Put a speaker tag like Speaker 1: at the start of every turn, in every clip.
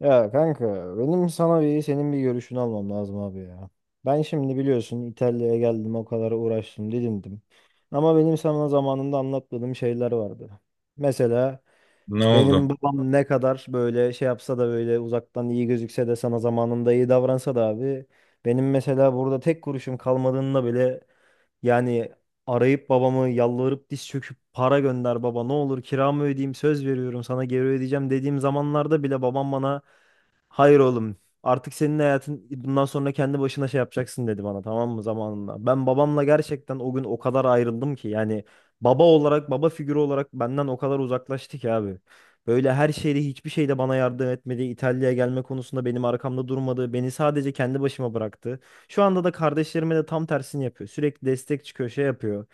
Speaker 1: Ya kanka, benim sana bir senin bir görüşünü almam lazım abi ya. Ben şimdi biliyorsun İtalya'ya geldim, o kadar uğraştım, didindim. Ama benim sana zamanında anlatmadığım şeyler vardı. Mesela
Speaker 2: Ne
Speaker 1: benim
Speaker 2: oldu?
Speaker 1: babam ne kadar böyle şey yapsa da, böyle uzaktan iyi gözükse de, sana zamanında iyi davransa da abi. Benim mesela burada tek kuruşum kalmadığında bile, yani arayıp babamı, yalvarıp, diz çöküp, "Para gönder baba, ne olur kiramı ödeyeyim, söz veriyorum sana geri ödeyeceğim" dediğim zamanlarda bile babam bana, "Hayır oğlum. Artık senin hayatın, bundan sonra kendi başına şey yapacaksın" dedi bana, tamam mı, zamanında. Ben babamla gerçekten o gün o kadar ayrıldım ki, yani baba olarak, baba figürü olarak benden o kadar uzaklaştı ki abi. Böyle her şeyde, hiçbir şeyde bana yardım etmedi. İtalya'ya gelme konusunda benim arkamda durmadı. Beni sadece kendi başıma bıraktı. Şu anda da kardeşlerime de tam tersini yapıyor. Sürekli destek çıkıyor, şey yapıyor.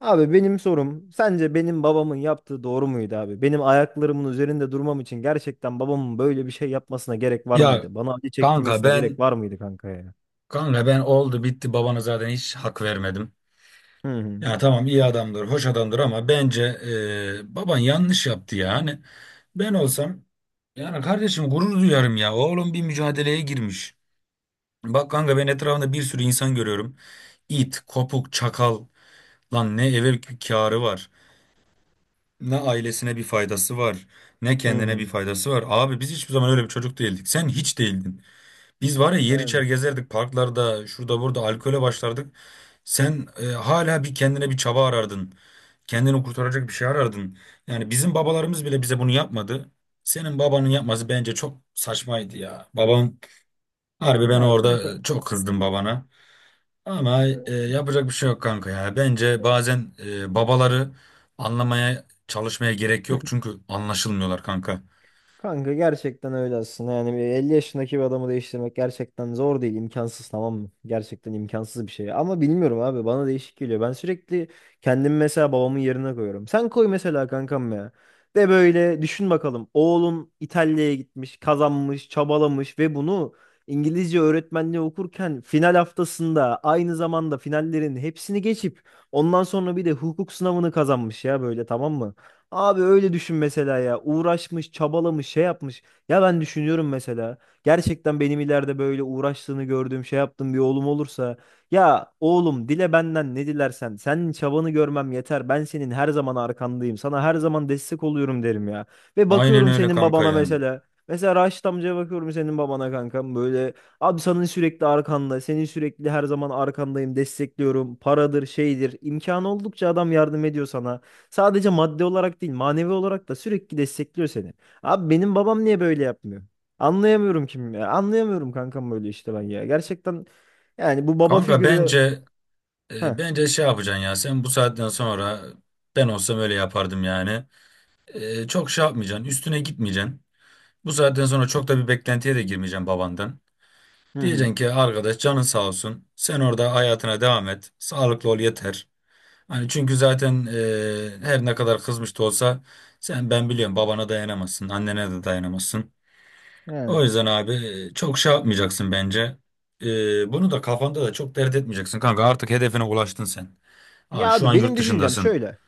Speaker 1: Abi benim sorum, sence benim babamın yaptığı doğru muydu abi? Benim ayaklarımın üzerinde durmam için gerçekten babamın böyle bir şey yapmasına gerek var
Speaker 2: Ya
Speaker 1: mıydı? Bana acı
Speaker 2: kanka
Speaker 1: çektirmesine gerek
Speaker 2: ben
Speaker 1: var mıydı kanka ya?
Speaker 2: kanka ben oldu bitti babana zaten hiç hak vermedim.
Speaker 1: Hı hı.
Speaker 2: Ya tamam iyi adamdır, hoş adamdır ama bence baban yanlış yaptı ya. Hani ben olsam yani kardeşim gurur duyarım ya. Oğlum bir mücadeleye girmiş. Bak kanka ben etrafında bir sürü insan görüyorum. İt, kopuk, çakal. Lan ne eve kârı var. Ne ailesine bir faydası var. Ne
Speaker 1: Hı
Speaker 2: kendine
Speaker 1: hı.
Speaker 2: bir faydası var. Abi biz hiçbir zaman öyle bir çocuk değildik. Sen hiç değildin. Biz var ya yer içer
Speaker 1: Yani
Speaker 2: gezerdik parklarda şurada burada alkole başlardık. Sen hala bir kendine bir çaba arardın. Kendini kurtaracak bir şey arardın. Yani bizim babalarımız bile bize bunu yapmadı. Senin babanın yapması bence çok saçmaydı ya. Babam harbi ben
Speaker 1: ya
Speaker 2: orada
Speaker 1: kanka.
Speaker 2: çok kızdım babana. Ama
Speaker 1: Kanka,
Speaker 2: yapacak bir şey yok kanka ya. Bence bazen babaları anlamaya çalışmaya gerek yok çünkü anlaşılmıyorlar kanka.
Speaker 1: kanka gerçekten öyle aslında. Yani bir 50 yaşındaki bir adamı değiştirmek gerçekten zor değil, imkansız, tamam mı? Gerçekten imkansız bir şey. Ama bilmiyorum abi, bana değişik geliyor. Ben sürekli kendimi mesela babamın yerine koyuyorum. Sen koy mesela kankam ya. De böyle düşün bakalım. Oğlun İtalya'ya gitmiş, kazanmış, çabalamış ve bunu İngilizce öğretmenliği okurken final haftasında aynı zamanda finallerin hepsini geçip ondan sonra bir de hukuk sınavını kazanmış ya, böyle, tamam mı? Abi öyle düşün mesela ya. Uğraşmış, çabalamış, şey yapmış. Ya ben düşünüyorum mesela. Gerçekten benim ileride böyle uğraştığını gördüğüm, şey yaptığım bir oğlum olursa. Ya oğlum, dile benden ne dilersen. Senin çabanı görmem yeter. Ben senin her zaman arkandayım. Sana her zaman destek oluyorum derim ya. Ve
Speaker 2: Aynen
Speaker 1: bakıyorum
Speaker 2: öyle
Speaker 1: senin
Speaker 2: kanka
Speaker 1: babana
Speaker 2: ya.
Speaker 1: mesela. Mesela Raşit amcaya bakıyorum, senin babana kankam, böyle abi senin sürekli arkanda, senin sürekli her zaman arkandayım, destekliyorum, paradır şeydir, imkanı oldukça adam yardım ediyor sana. Sadece madde olarak değil, manevi olarak da sürekli destekliyor seni. Abi benim babam niye böyle yapmıyor? Anlayamıyorum kim ya. Anlayamıyorum kankam, böyle işte ben ya. Gerçekten yani bu baba
Speaker 2: Kanka
Speaker 1: figürü.
Speaker 2: bence
Speaker 1: Heh,
Speaker 2: Bence şey yapacaksın ya sen bu saatten sonra ben olsam öyle yapardım yani. Çok şey yapmayacaksın üstüne gitmeyeceksin. Bu saatten sonra çok da bir beklentiye de girmeyeceksin babandan.
Speaker 1: hı
Speaker 2: Diyeceksin
Speaker 1: hı.
Speaker 2: ki arkadaş canın sağ olsun sen orada hayatına devam et sağlıklı ol yeter. Hani çünkü zaten her ne kadar kızmış da olsa sen ben biliyorum babana dayanamazsın annene de dayanamazsın.
Speaker 1: Yani.
Speaker 2: O yüzden abi çok şey yapmayacaksın bence. Bunu da kafanda da çok dert etmeyeceksin kanka artık hedefine ulaştın sen. Abi
Speaker 1: Ya
Speaker 2: şu
Speaker 1: abi
Speaker 2: an
Speaker 1: benim
Speaker 2: yurt
Speaker 1: düşüncem
Speaker 2: dışındasın.
Speaker 1: şöyle.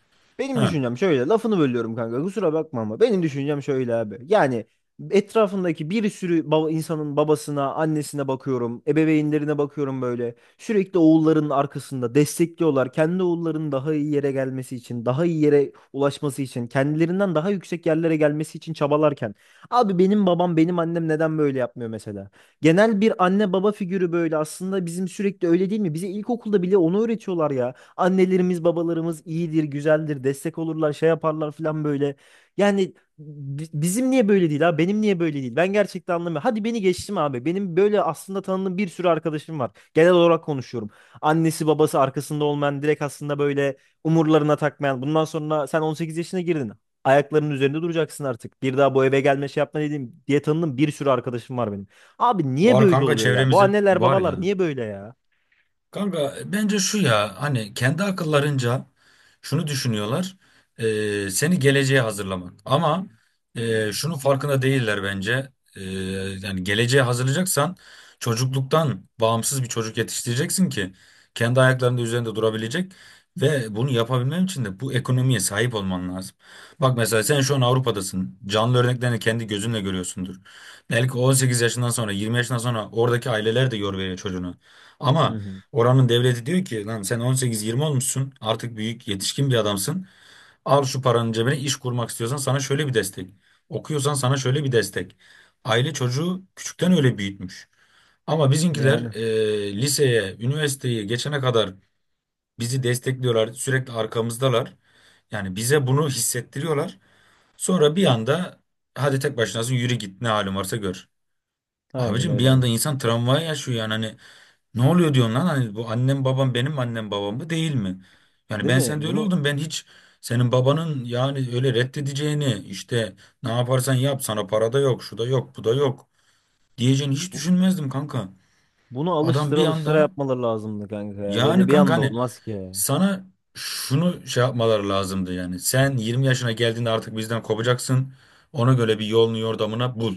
Speaker 2: He.
Speaker 1: Benim düşüncem şöyle. Lafını bölüyorum kanka, kusura bakma, ama benim düşüncem şöyle abi. Yani etrafındaki bir sürü baba, insanın babasına, annesine bakıyorum, ebeveynlerine bakıyorum böyle. Sürekli oğullarının arkasında destekliyorlar. Kendi oğullarının daha iyi yere gelmesi için, daha iyi yere ulaşması için, kendilerinden daha yüksek yerlere gelmesi için çabalarken, abi benim babam, benim annem neden böyle yapmıyor mesela? Genel bir anne baba figürü böyle aslında bizim, sürekli öyle değil mi? Bize ilkokulda bile onu öğretiyorlar ya. Annelerimiz, babalarımız iyidir, güzeldir, destek olurlar, şey yaparlar falan böyle. Yani bizim niye böyle değil abi? Benim niye böyle değil? Ben gerçekten anlamıyorum. Hadi beni geçtim abi. Benim böyle aslında tanıdığım bir sürü arkadaşım var. Genel olarak konuşuyorum. Annesi, babası arkasında olmayan, direkt aslında böyle umurlarına takmayan. "Bundan sonra sen 18 yaşına girdin. Ayaklarının üzerinde duracaksın artık. Bir daha bu eve gelme, şey yapma" dediğim diye tanıdığım bir sürü arkadaşım var benim. Abi niye
Speaker 2: Var
Speaker 1: böyle
Speaker 2: kanka
Speaker 1: oluyor ya? Bu
Speaker 2: çevremizi
Speaker 1: anneler
Speaker 2: var
Speaker 1: babalar
Speaker 2: ya.
Speaker 1: niye böyle ya?
Speaker 2: Kanka bence şu ya hani kendi akıllarınca şunu düşünüyorlar seni geleceğe hazırlamak ama şunun farkında değiller bence yani geleceğe hazırlayacaksan çocukluktan bağımsız bir çocuk yetiştireceksin ki kendi ayaklarının üzerinde durabilecek ve bunu yapabilmen için de bu ekonomiye sahip olman lazım. Bak mesela sen şu an Avrupa'dasın canlı örneklerini kendi gözünle görüyorsundur belki 18 yaşından sonra 20 yaşından sonra oradaki aileler de yor veriyor çocuğuna
Speaker 1: Hı
Speaker 2: ama
Speaker 1: hı.
Speaker 2: oranın devleti diyor ki lan sen 18-20 olmuşsun artık büyük yetişkin bir adamsın. Al şu paranın cebine iş kurmak istiyorsan sana şöyle bir destek. Okuyorsan sana şöyle bir destek. Aile çocuğu küçükten öyle büyütmüş. Ama bizimkiler
Speaker 1: Yani
Speaker 2: liseye, üniversiteye geçene kadar bizi destekliyorlar, sürekli arkamızdalar. Yani bize bunu hissettiriyorlar. Sonra bir anda hadi tek başınasın yürü git ne halin varsa gör.
Speaker 1: aynen
Speaker 2: Abicim bir
Speaker 1: öyle abi.
Speaker 2: anda insan travmayı yaşıyor yani hani ne oluyor diyorsun lan? Hani bu annem babam benim annem babam mı değil mi? Yani
Speaker 1: Değil
Speaker 2: ben
Speaker 1: mi?
Speaker 2: sende öyle oldum. Ben hiç senin babanın yani öyle reddedeceğini işte ne yaparsan yap sana para da yok, şu da yok, bu da yok diyeceğini hiç
Speaker 1: Bu-
Speaker 2: düşünmezdim kanka.
Speaker 1: Bunu
Speaker 2: Adam
Speaker 1: alıştıra
Speaker 2: bir
Speaker 1: alıştıra
Speaker 2: anda
Speaker 1: yapmaları lazımdı kanka ya.
Speaker 2: yani
Speaker 1: Böyle bir
Speaker 2: kanka
Speaker 1: anda
Speaker 2: hani
Speaker 1: olmaz ki ya.
Speaker 2: sana şunu şey yapmaları lazımdı yani. Sen 20 yaşına geldiğinde artık bizden kopacaksın. Ona göre bir yolunu yordamına bul.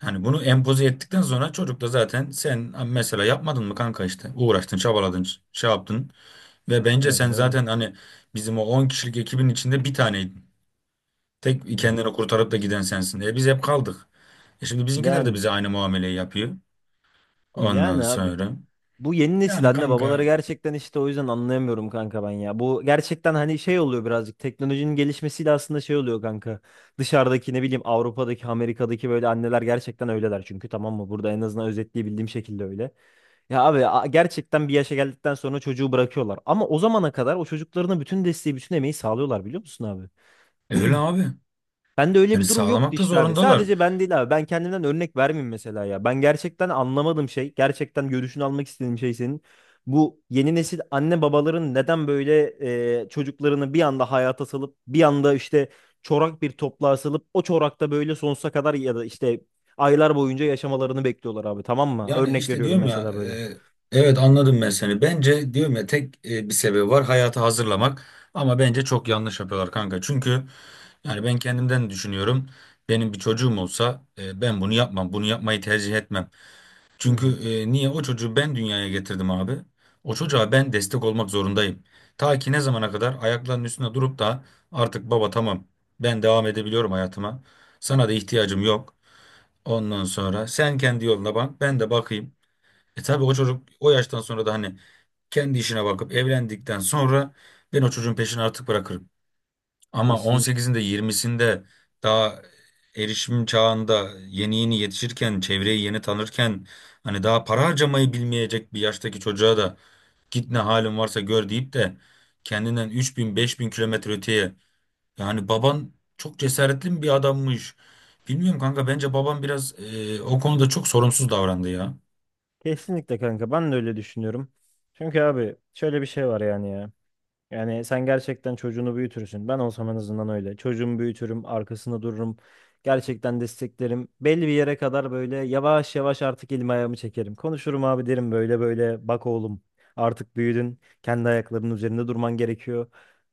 Speaker 2: Hani bunu empoze ettikten sonra çocuk da zaten sen mesela yapmadın mı kanka işte uğraştın çabaladın şey yaptın. Ve bence sen
Speaker 1: Aynen öyle.
Speaker 2: zaten hani bizim o 10 kişilik ekibin içinde bir taneydin. Tek kendini kurtarıp da giden sensin. E biz hep kaldık. E şimdi bizimkiler de
Speaker 1: Yani
Speaker 2: bize aynı muameleyi yapıyor. Ondan
Speaker 1: yani abi.
Speaker 2: sonra.
Speaker 1: Bu yeni nesil
Speaker 2: Yani
Speaker 1: anne babaları
Speaker 2: kanka
Speaker 1: gerçekten işte o yüzden anlayamıyorum kanka ben ya. Bu gerçekten hani şey oluyor, birazcık teknolojinin gelişmesiyle aslında şey oluyor kanka. Dışarıdaki ne bileyim Avrupa'daki, Amerika'daki böyle anneler gerçekten öyleler çünkü, tamam mı? Burada en azından özetleyebildiğim şekilde öyle. Ya abi gerçekten bir yaşa geldikten sonra çocuğu bırakıyorlar. Ama o zamana kadar o çocuklarına bütün desteği, bütün emeği sağlıyorlar, biliyor musun abi?
Speaker 2: öyle abi.
Speaker 1: Bende öyle
Speaker 2: Yani
Speaker 1: bir durum yoktu
Speaker 2: sağlamak da
Speaker 1: işte abi.
Speaker 2: zorundalar.
Speaker 1: Sadece ben değil abi. Ben kendimden örnek vermeyeyim mesela ya. Ben gerçekten anlamadım şey, gerçekten görüşünü almak istediğim şey senin. Bu yeni nesil anne babaların neden böyle, çocuklarını bir anda hayata salıp, bir anda işte çorak bir topluğa salıp, o çorakta böyle sonsuza kadar ya da işte aylar boyunca yaşamalarını bekliyorlar abi, tamam mı?
Speaker 2: Yani
Speaker 1: Örnek
Speaker 2: işte
Speaker 1: veriyorum
Speaker 2: diyorum ya
Speaker 1: mesela böyle.
Speaker 2: evet anladım ben seni. Bence diyorum ya tek bir sebebi var hayatı hazırlamak. Ama bence çok yanlış yapıyorlar kanka. Çünkü yani ben kendimden düşünüyorum. Benim bir çocuğum olsa ben bunu yapmam. Bunu yapmayı tercih etmem.
Speaker 1: Hı
Speaker 2: Çünkü
Speaker 1: hı.
Speaker 2: niye o çocuğu ben dünyaya getirdim abi. O çocuğa ben destek olmak zorundayım. Ta ki ne zamana kadar ayaklarının üstünde durup da artık baba tamam ben devam edebiliyorum hayatıma. Sana da ihtiyacım yok. Ondan sonra sen kendi yoluna bak ben de bakayım. E tabii o çocuk o yaştan sonra da hani kendi işine bakıp evlendikten sonra ben o çocuğun peşini artık bırakırım. Ama
Speaker 1: Kesinlikle.
Speaker 2: 18'inde 20'sinde daha erişim çağında yeni yeni yetişirken, çevreyi yeni tanırken hani daha para harcamayı bilmeyecek bir yaştaki çocuğa da git ne halin varsa gör deyip de kendinden 3000 5000 kilometre öteye yani baban çok cesaretli bir adammış. Bilmiyorum kanka bence baban biraz o konuda çok sorumsuz davrandı ya.
Speaker 1: Kesinlikle kanka, ben de öyle düşünüyorum. Çünkü abi şöyle bir şey var yani ya. Yani sen gerçekten çocuğunu büyütürsün. Ben olsam en azından öyle. Çocuğumu büyütürüm, arkasında dururum. Gerçekten desteklerim. Belli bir yere kadar böyle yavaş yavaş artık elimi ayağımı çekerim. Konuşurum abi, derim böyle böyle. Bak oğlum, artık büyüdün. Kendi ayaklarının üzerinde durman gerekiyor.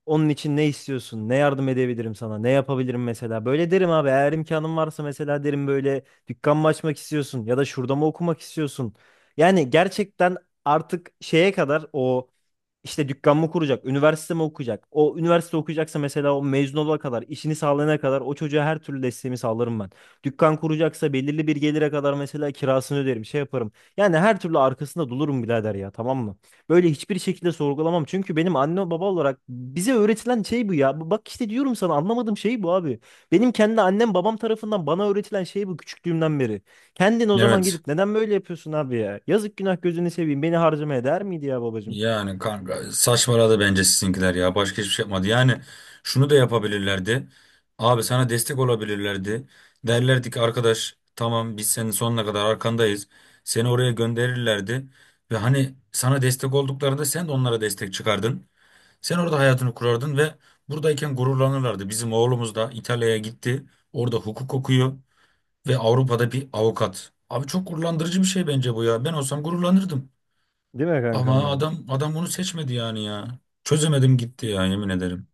Speaker 1: Onun için ne istiyorsun? Ne yardım edebilirim sana? Ne yapabilirim mesela? Böyle derim abi. Eğer imkanım varsa mesela derim, böyle dükkan mı açmak istiyorsun? Ya da şurada mı okumak istiyorsun? Yani gerçekten artık şeye kadar o işte, dükkan mı kuracak, üniversite mi okuyacak? O üniversite okuyacaksa mesela o mezun olana kadar, işini sağlayana kadar o çocuğa her türlü desteğimi sağlarım ben. Dükkan kuracaksa belirli bir gelire kadar mesela kirasını öderim, şey yaparım. Yani her türlü arkasında dolurum birader ya, tamam mı? Böyle hiçbir şekilde sorgulamam. Çünkü benim anne baba olarak bize öğretilen şey bu ya. Bak işte, diyorum sana, anlamadığım şey bu abi. Benim kendi annem babam tarafından bana öğretilen şey bu küçüklüğümden beri. Kendin o zaman
Speaker 2: Evet.
Speaker 1: gidip neden böyle yapıyorsun abi ya? Yazık, günah, gözünü seveyim, beni harcamaya değer miydi ya babacığım?
Speaker 2: Yani kanka saçmaladı bence sizinkiler ya. Başka hiçbir şey yapmadı. Yani şunu da yapabilirlerdi. Abi sana destek olabilirlerdi. Derlerdi ki arkadaş tamam biz senin sonuna kadar arkandayız. Seni oraya gönderirlerdi. Ve hani sana destek olduklarında sen de onlara destek çıkardın. Sen orada hayatını kurardın ve buradayken gururlanırlardı. Bizim oğlumuz da İtalya'ya gitti. Orada hukuk okuyor ve Avrupa'da bir avukat. Abi çok gururlandırıcı bir şey bence bu ya. Ben olsam gururlanırdım.
Speaker 1: Değil mi
Speaker 2: Ama
Speaker 1: kankam ya?
Speaker 2: adam adam bunu seçmedi yani ya. Çözemedim gitti ya yemin ederim.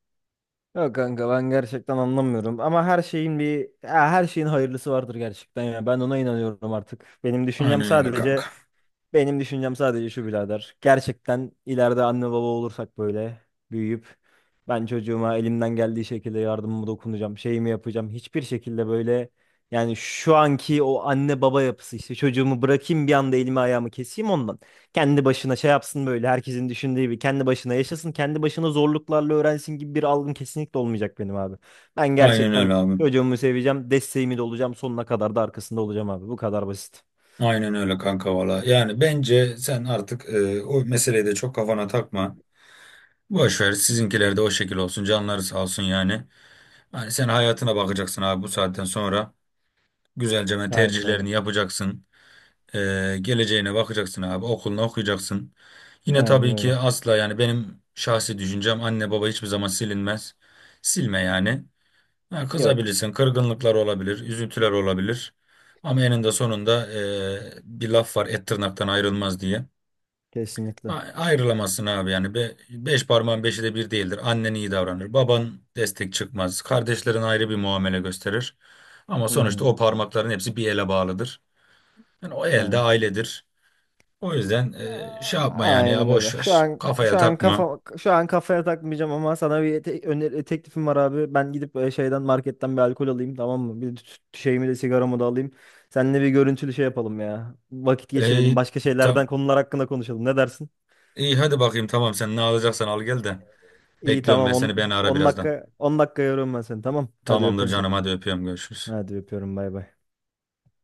Speaker 1: Yok kanka, ben gerçekten anlamıyorum, ama her şeyin bir, ya her şeyin hayırlısı vardır gerçekten ya. Ben ona inanıyorum artık.
Speaker 2: Aynen öyle kanka.
Speaker 1: Benim düşüncem sadece şu birader. Gerçekten ileride anne baba olursak böyle büyüyüp, ben çocuğuma elimden geldiği şekilde yardımımı dokunacağım, şeyimi yapacağım. Hiçbir şekilde böyle, yani şu anki o anne baba yapısı işte, çocuğumu bırakayım bir anda, elimi ayağımı keseyim ondan. Kendi başına şey yapsın, böyle herkesin düşündüğü gibi kendi başına yaşasın, kendi başına zorluklarla öğrensin gibi bir algım kesinlikle olmayacak benim abi. Ben
Speaker 2: Aynen
Speaker 1: gerçekten
Speaker 2: öyle abim.
Speaker 1: çocuğumu seveceğim, desteğimi de olacağım, sonuna kadar da arkasında olacağım abi. Bu kadar basit.
Speaker 2: Aynen öyle kanka valla. Yani bence sen artık o meseleyi de çok kafana takma. Boş ver sizinkiler de o şekil olsun. Canları sağ olsun yani. Hani sen hayatına bakacaksın abi bu saatten sonra. Güzelce ben
Speaker 1: Aynen öyle.
Speaker 2: tercihlerini yapacaksın. Geleceğine bakacaksın abi. Okulunu okuyacaksın. Yine
Speaker 1: Aynen
Speaker 2: tabii ki
Speaker 1: öyle.
Speaker 2: asla yani benim şahsi düşüncem anne baba hiçbir zaman silinmez. Silme yani. Ha,
Speaker 1: Yok.
Speaker 2: kızabilirsin, kırgınlıklar olabilir, üzüntüler olabilir. Ama eninde sonunda bir laf var, et tırnaktan ayrılmaz diye.
Speaker 1: Kesinlikle.
Speaker 2: Ayrılamazsın abi yani. Beş parmağın beşi de bir değildir. Annen iyi davranır, baban destek çıkmaz, kardeşlerin ayrı bir muamele gösterir. Ama
Speaker 1: Hı
Speaker 2: sonuçta
Speaker 1: hı.
Speaker 2: o parmakların hepsi bir ele bağlıdır. Yani o el de
Speaker 1: Yani.
Speaker 2: ailedir. O yüzden şey yapma yani ya
Speaker 1: Aynen öyle.
Speaker 2: boş
Speaker 1: Şu
Speaker 2: ver.
Speaker 1: an
Speaker 2: Kafaya
Speaker 1: şu an
Speaker 2: takma.
Speaker 1: kafa şu an kafaya takmayacağım, ama sana bir öneri, teklifim var abi. Ben gidip şeyden, marketten bir alkol alayım, tamam mı? Bir şeyimi de, sigaramı da alayım. Seninle bir görüntülü şey yapalım ya. Vakit geçirelim.
Speaker 2: Ey,
Speaker 1: Başka şeylerden,
Speaker 2: tam,
Speaker 1: konular hakkında konuşalım. Ne dersin?
Speaker 2: iyi hadi bakayım tamam sen ne alacaksan al gel de.
Speaker 1: İyi,
Speaker 2: Bekliyorum
Speaker 1: tamam,
Speaker 2: ben seni beni
Speaker 1: 10
Speaker 2: ara
Speaker 1: 10
Speaker 2: birazdan.
Speaker 1: dakika, 10 dakika yoruyorum ben seni, tamam. Hadi
Speaker 2: Tamamdır
Speaker 1: öpüyorum seni.
Speaker 2: canım hadi öpüyorum görüşürüz.
Speaker 1: Hadi öpüyorum, bay bay.